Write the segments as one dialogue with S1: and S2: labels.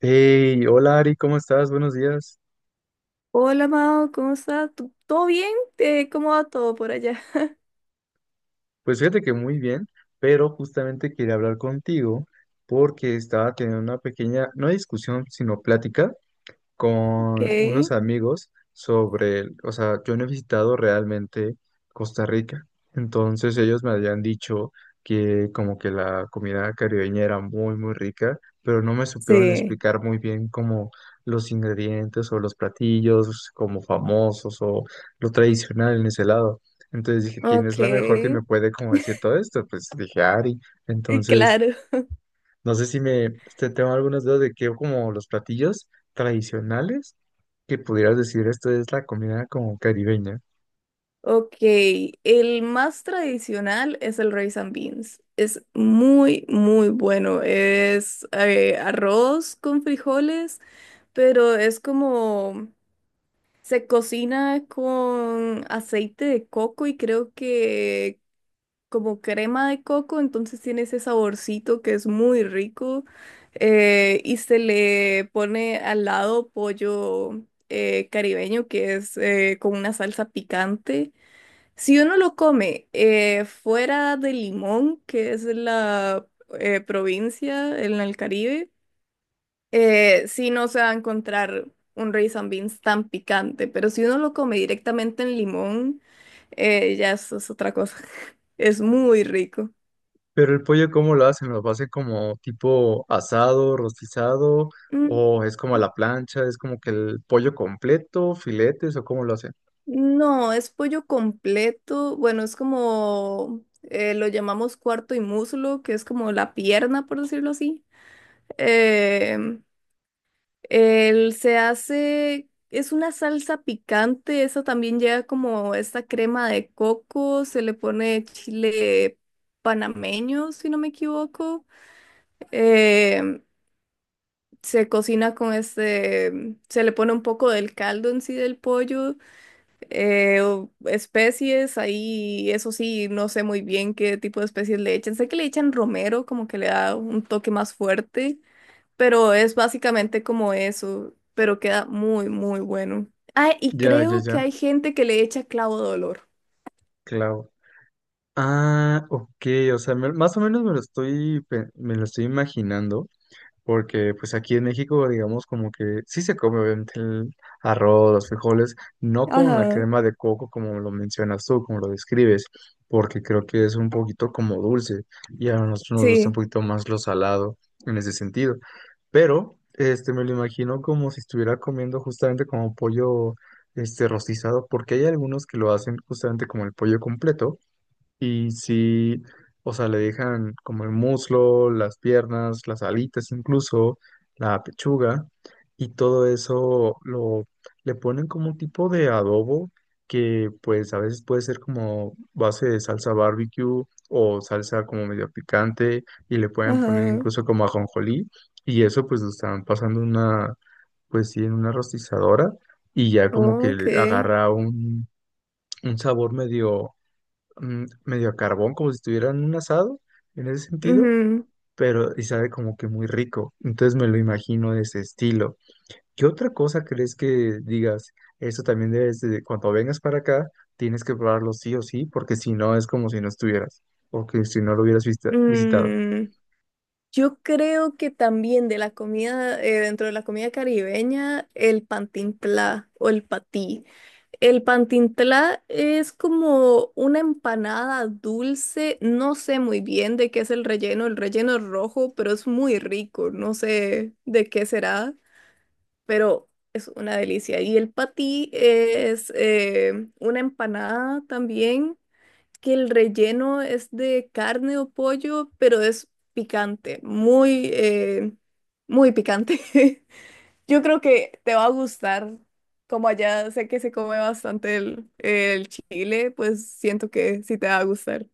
S1: Hey, hola Ari, ¿cómo estás? Buenos días.
S2: Hola Mao, ¿cómo estás? ¿Tú- ¿Todo bien? ¿Cómo va todo por allá?
S1: Pues fíjate que muy bien, pero justamente quería hablar contigo porque estaba teniendo una pequeña, no discusión, sino plática
S2: Ok,
S1: con unos amigos sobre, o sea, yo no he visitado realmente Costa Rica, entonces ellos me habían dicho que como que la comida caribeña era muy rica, pero no me supieron
S2: sí,
S1: explicar muy bien como los ingredientes o los platillos como famosos o lo tradicional en ese lado. Entonces dije, ¿quién
S2: ok,
S1: es la mejor que me puede como decir todo esto? Pues dije, Ari. Entonces...
S2: claro.
S1: No sé si me, tengo algunas dudas de que como los platillos tradicionales, que pudieras decir esto es la comida como caribeña.
S2: Ok, el más tradicional es el rice and beans. Es muy, muy bueno. Es arroz con frijoles, pero es como se cocina con aceite de coco y creo que como crema de coco, entonces tiene ese saborcito que es muy rico y se le pone al lado pollo caribeño que es con una salsa picante. Si uno lo come fuera de Limón, que es la provincia en el Caribe, sí no se va a encontrar un rice and beans tan picante, pero si uno lo come directamente en Limón, ya eso es otra cosa. Es muy rico.
S1: Pero el pollo, ¿cómo lo hacen? ¿Lo hacen como tipo asado, rostizado?
S2: Mm,
S1: ¿O es como a la plancha? ¿Es como que el pollo completo, filetes o cómo lo hacen?
S2: no, es pollo completo. Bueno, es como lo llamamos cuarto y muslo, que es como la pierna, por decirlo así. Em, él se hace, es una salsa picante, esa también lleva como esta crema de coco, se le pone chile panameño, si no me equivoco. Em, se cocina con este, se le pone un poco del caldo en sí del pollo. O- especies, ahí eso sí, no sé muy bien qué tipo de especies le echan. Sé que le echan romero, como que le da un toque más fuerte, pero es básicamente como eso, pero queda muy, muy bueno. Ah, y
S1: Ya, ya,
S2: creo que
S1: ya,
S2: hay gente que le echa clavo de olor.
S1: claro. Ah, ok, o sea, más o menos me lo me lo estoy imaginando, porque pues aquí en México, digamos, como que sí se come obviamente el arroz, los frijoles, no con la
S2: Ajá,
S1: crema de coco como lo mencionas tú, como lo describes, porque creo que es un poquito como dulce y a nosotros nos gusta un
S2: sí,
S1: poquito más lo salado en ese sentido. Pero, me lo imagino como si estuviera comiendo justamente como pollo, rostizado, porque hay algunos que lo hacen justamente como el pollo completo y si, o sea, le dejan como el muslo, las piernas, las alitas incluso, la pechuga, y todo eso lo le ponen como un tipo de adobo que pues a veces puede ser como base de salsa barbecue o salsa como medio picante y le pueden poner
S2: ajá.
S1: incluso como ajonjolí, y eso pues lo están pasando una pues sí en una rostizadora y ya como que le
S2: Ok.
S1: agarra un sabor medio medio a carbón, como si estuvieran en un asado, en ese sentido,
S2: Ujú.
S1: pero y sabe como que muy rico. Entonces me lo imagino de ese estilo. ¿Qué otra cosa crees que digas? Esto también debes de, cuando vengas para acá, tienes que probarlo sí o sí, porque si no es como si no estuvieras, o que si no lo visitado.
S2: Mm, yo creo que también de la comida, dentro de la comida caribeña, el pantintlá o el patí. El pantintlá es como una empanada dulce, no sé muy bien de qué es el relleno es rojo, pero es muy rico, no sé de qué será, pero es una delicia. Y el patí es una empanada también que el relleno es de carne o pollo, pero es picante, muy, muy picante. Yo creo que te va a gustar. Como allá sé que se come bastante el chile, pues siento que sí te va a gustar.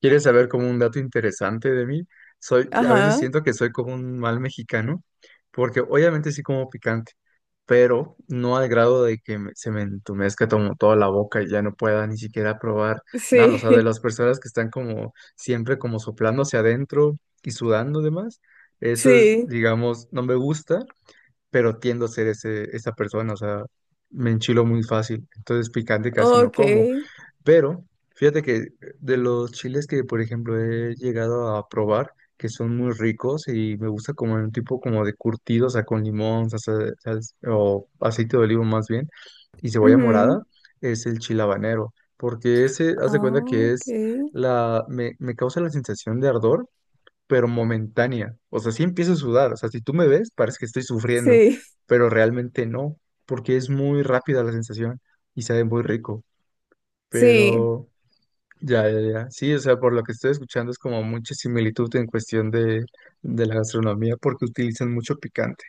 S1: ¿Quieres saber como un dato interesante de mí? Soy, a veces
S2: Ajá,
S1: siento que soy como un mal mexicano, porque obviamente sí como picante, pero no al grado de que se me entumezca como toda la boca y ya no pueda ni siquiera probar nada. O
S2: sí,
S1: sea, de las personas que están como siempre como soplando hacia adentro y sudando demás, eso es,
S2: sí,
S1: digamos, no me gusta, pero tiendo a ser ese, esa persona, o sea, me enchilo muy fácil, entonces picante casi no
S2: ok,
S1: como. Pero fíjate que de los chiles que, por ejemplo, he llegado a probar, que son muy ricos y me gusta como un tipo como de curtido, o sea, con limón, o aceite de olivo más bien, y cebolla morada,
S2: ujú,
S1: es el chile habanero, porque ese, haz de
S2: ah,
S1: cuenta que
S2: ok,
S1: es me causa la sensación de ardor, pero momentánea, o sea, sí empiezo a sudar, o sea, si tú me ves, parece que estoy sufriendo,
S2: sí,
S1: pero realmente no, porque es muy rápida la sensación y sabe muy rico.
S2: sí.
S1: Pero ya, ya, ya. Sí, o sea, por lo que estoy escuchando es como mucha similitud en cuestión de la gastronomía porque utilizan mucho picante.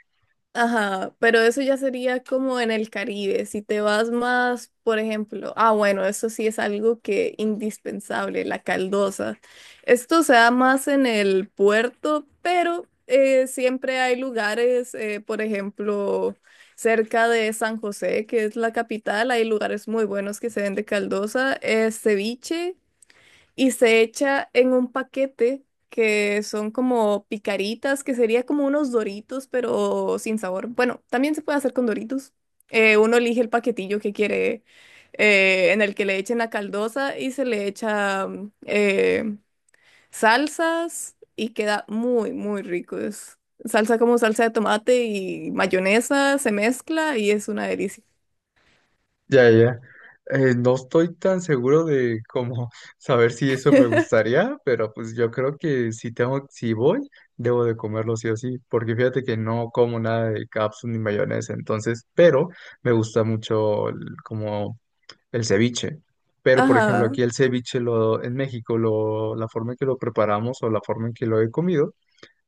S2: Ajá, pero eso ya sería como en el Caribe. Si te vas más, por ejemplo, ah, bueno, eso sí es algo que indispensable, la caldosa. Esto se da más en el puerto, pero siempre hay lugares, por ejemplo, cerca de San José, que es la capital, hay lugares muy buenos que se venden caldosa, ceviche y se echa en un paquete que son como picaritas, que sería como unos Doritos, pero sin sabor. Bueno, también se puede hacer con Doritos. Uno elige el paquetillo que quiere, en el que le echen la caldosa y se le echa salsas y queda muy, muy rico. Es salsa como salsa de tomate y mayonesa, se mezcla y es una delicia.
S1: Ya, ya, ya. No estoy tan seguro de cómo saber si eso me gustaría, pero pues yo creo que si tengo, si voy, debo de comerlo sí o sí, porque fíjate que no como nada de cápsula ni mayonesa, entonces, pero me gusta mucho como el ceviche. Pero, por ejemplo,
S2: Ajá,
S1: aquí el ceviche en México, la forma en que lo preparamos o la forma en que lo he comido,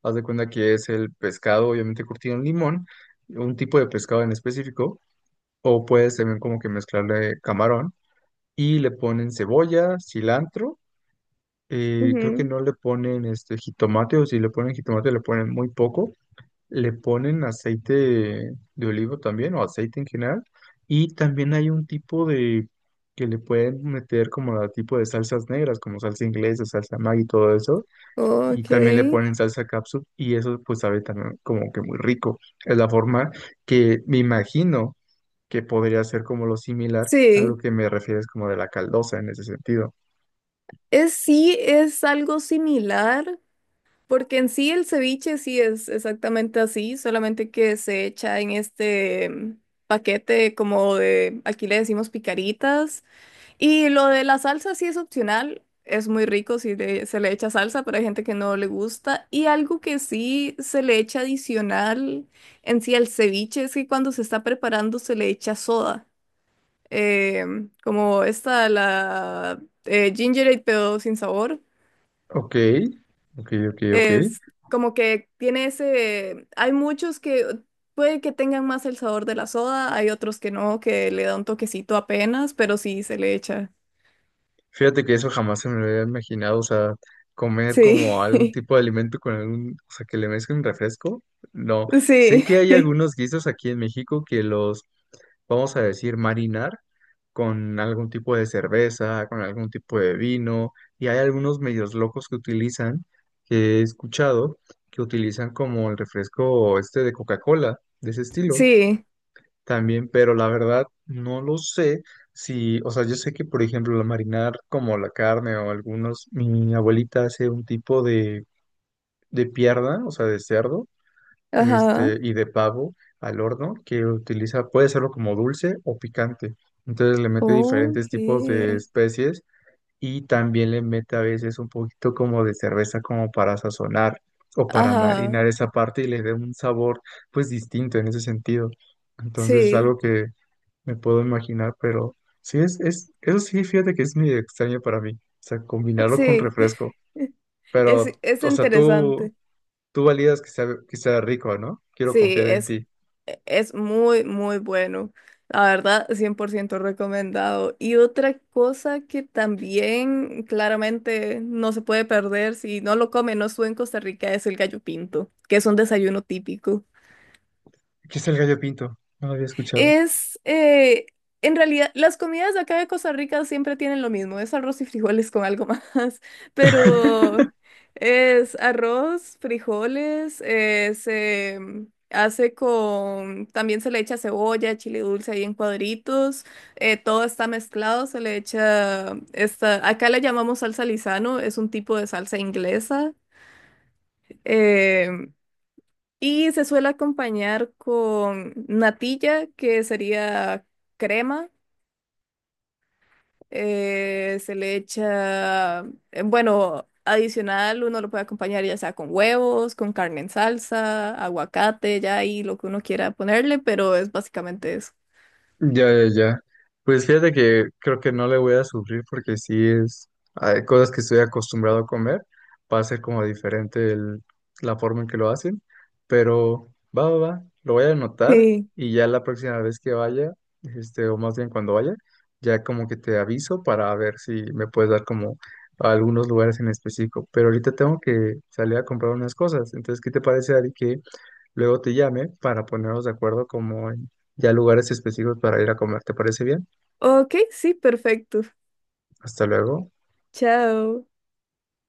S1: haz de cuenta que es el pescado, obviamente curtido en limón, un tipo de pescado en específico, o puedes también como que mezclarle camarón y le ponen cebolla, cilantro, creo que
S2: ujú,
S1: no le ponen este jitomate, o si le ponen jitomate le ponen muy poco, le ponen aceite de olivo también, o aceite en general, y también hay un tipo de que le pueden meter como la tipo de salsas negras, como salsa inglesa, salsa Maggi y todo eso, y
S2: ok.
S1: también le ponen salsa capsule y eso pues sabe también como que muy rico. Es la forma que me imagino que podría ser como lo similar a lo
S2: Sí.
S1: que me refieres como de la caldosa en ese sentido.
S2: Es, sí, es algo similar, porque en sí el ceviche sí es exactamente así, solamente que se echa en este paquete como de, aquí le decimos picaritas, y lo de la salsa sí es opcional, es muy rico si le- se le echa salsa, pero hay gente que no le gusta, y algo que sí se le echa adicional en sí al ceviche es que cuando se está preparando se le echa soda, como esta, la ginger ale, pero sin sabor.
S1: Ok, ok, ok, ok.
S2: Es como que tiene ese, hay muchos que puede que tengan más el sabor de la soda, hay otros que no, que le da un toquecito apenas, pero sí se le echa.
S1: Fíjate que eso jamás se me lo había imaginado, o sea, comer
S2: Sí,
S1: como algún tipo de alimento con algún, o sea, que le mezclen refresco. No, sé
S2: sí,
S1: que hay algunos guisos aquí en México que los, vamos a decir, marinar con algún tipo de cerveza, con algún tipo de vino, y hay algunos medios locos que utilizan, que he escuchado, que utilizan como el refresco este de Coca-Cola, de ese estilo
S2: sí,
S1: también, pero la verdad no lo sé si, o sea, yo sé que por ejemplo la marinar como la carne o algunos, mi abuelita hace un tipo de pierna, o sea, de cerdo,
S2: ajá,
S1: y de pavo al horno que utiliza, puede serlo como dulce o picante. Entonces le mete diferentes
S2: ok,
S1: tipos de especies y también le mete a veces un poquito como de cerveza como para sazonar o para
S2: ajá,
S1: marinar esa parte y le dé un sabor pues distinto en ese sentido. Entonces es
S2: sí,
S1: algo que me puedo imaginar, pero sí eso sí, fíjate que es medio extraño para mí, o sea, combinarlo con
S2: sí,
S1: refresco, pero,
S2: es
S1: o sea,
S2: interesante.
S1: tú validas que que sea rico, ¿no? Quiero
S2: Sí,
S1: confiar en
S2: es,
S1: ti.
S2: e, es muy, muy bueno. La verdad, 100% recomendado. Y otra cosa que también claramente no se puede perder si no lo comen, no estuve en Costa Rica, es el gallo pinto, que es un desayuno típico.
S1: ¿Qué es el gallo pinto? No lo había escuchado.
S2: Es, en realidad, las comidas de acá de Costa Rica siempre tienen lo mismo, es arroz y frijoles con algo más, pero es arroz, frijoles, se hace con, también se le echa cebolla, chile dulce ahí en cuadritos, todo está mezclado, se le echa, esta, acá le llamamos salsa Lizano, es un tipo de salsa inglesa, eh, y se suele acompañar con natilla, que sería crema. Se le echa, bueno, adicional, uno lo puede acompañar ya sea con huevos, con carne en salsa, aguacate, ya ahí lo que uno quiera ponerle, pero es básicamente eso.
S1: Ya, ya, ya. Pues fíjate que creo que no le voy a sufrir porque sí es, hay cosas que estoy acostumbrado a comer, va a ser como diferente la forma en que lo hacen, pero va, va, va, lo voy a anotar
S2: Sí.
S1: y ya la próxima vez que vaya, o más bien cuando vaya, ya como que te aviso para ver si me puedes dar como algunos lugares en específico, pero ahorita tengo que salir a comprar unas cosas, entonces, ¿qué te parece, Ari, que luego te llame para ponernos de acuerdo como en ya lugares específicos para ir a comer? ¿Te parece bien?
S2: Ok, sí, perfecto.
S1: Hasta luego.
S2: Chao.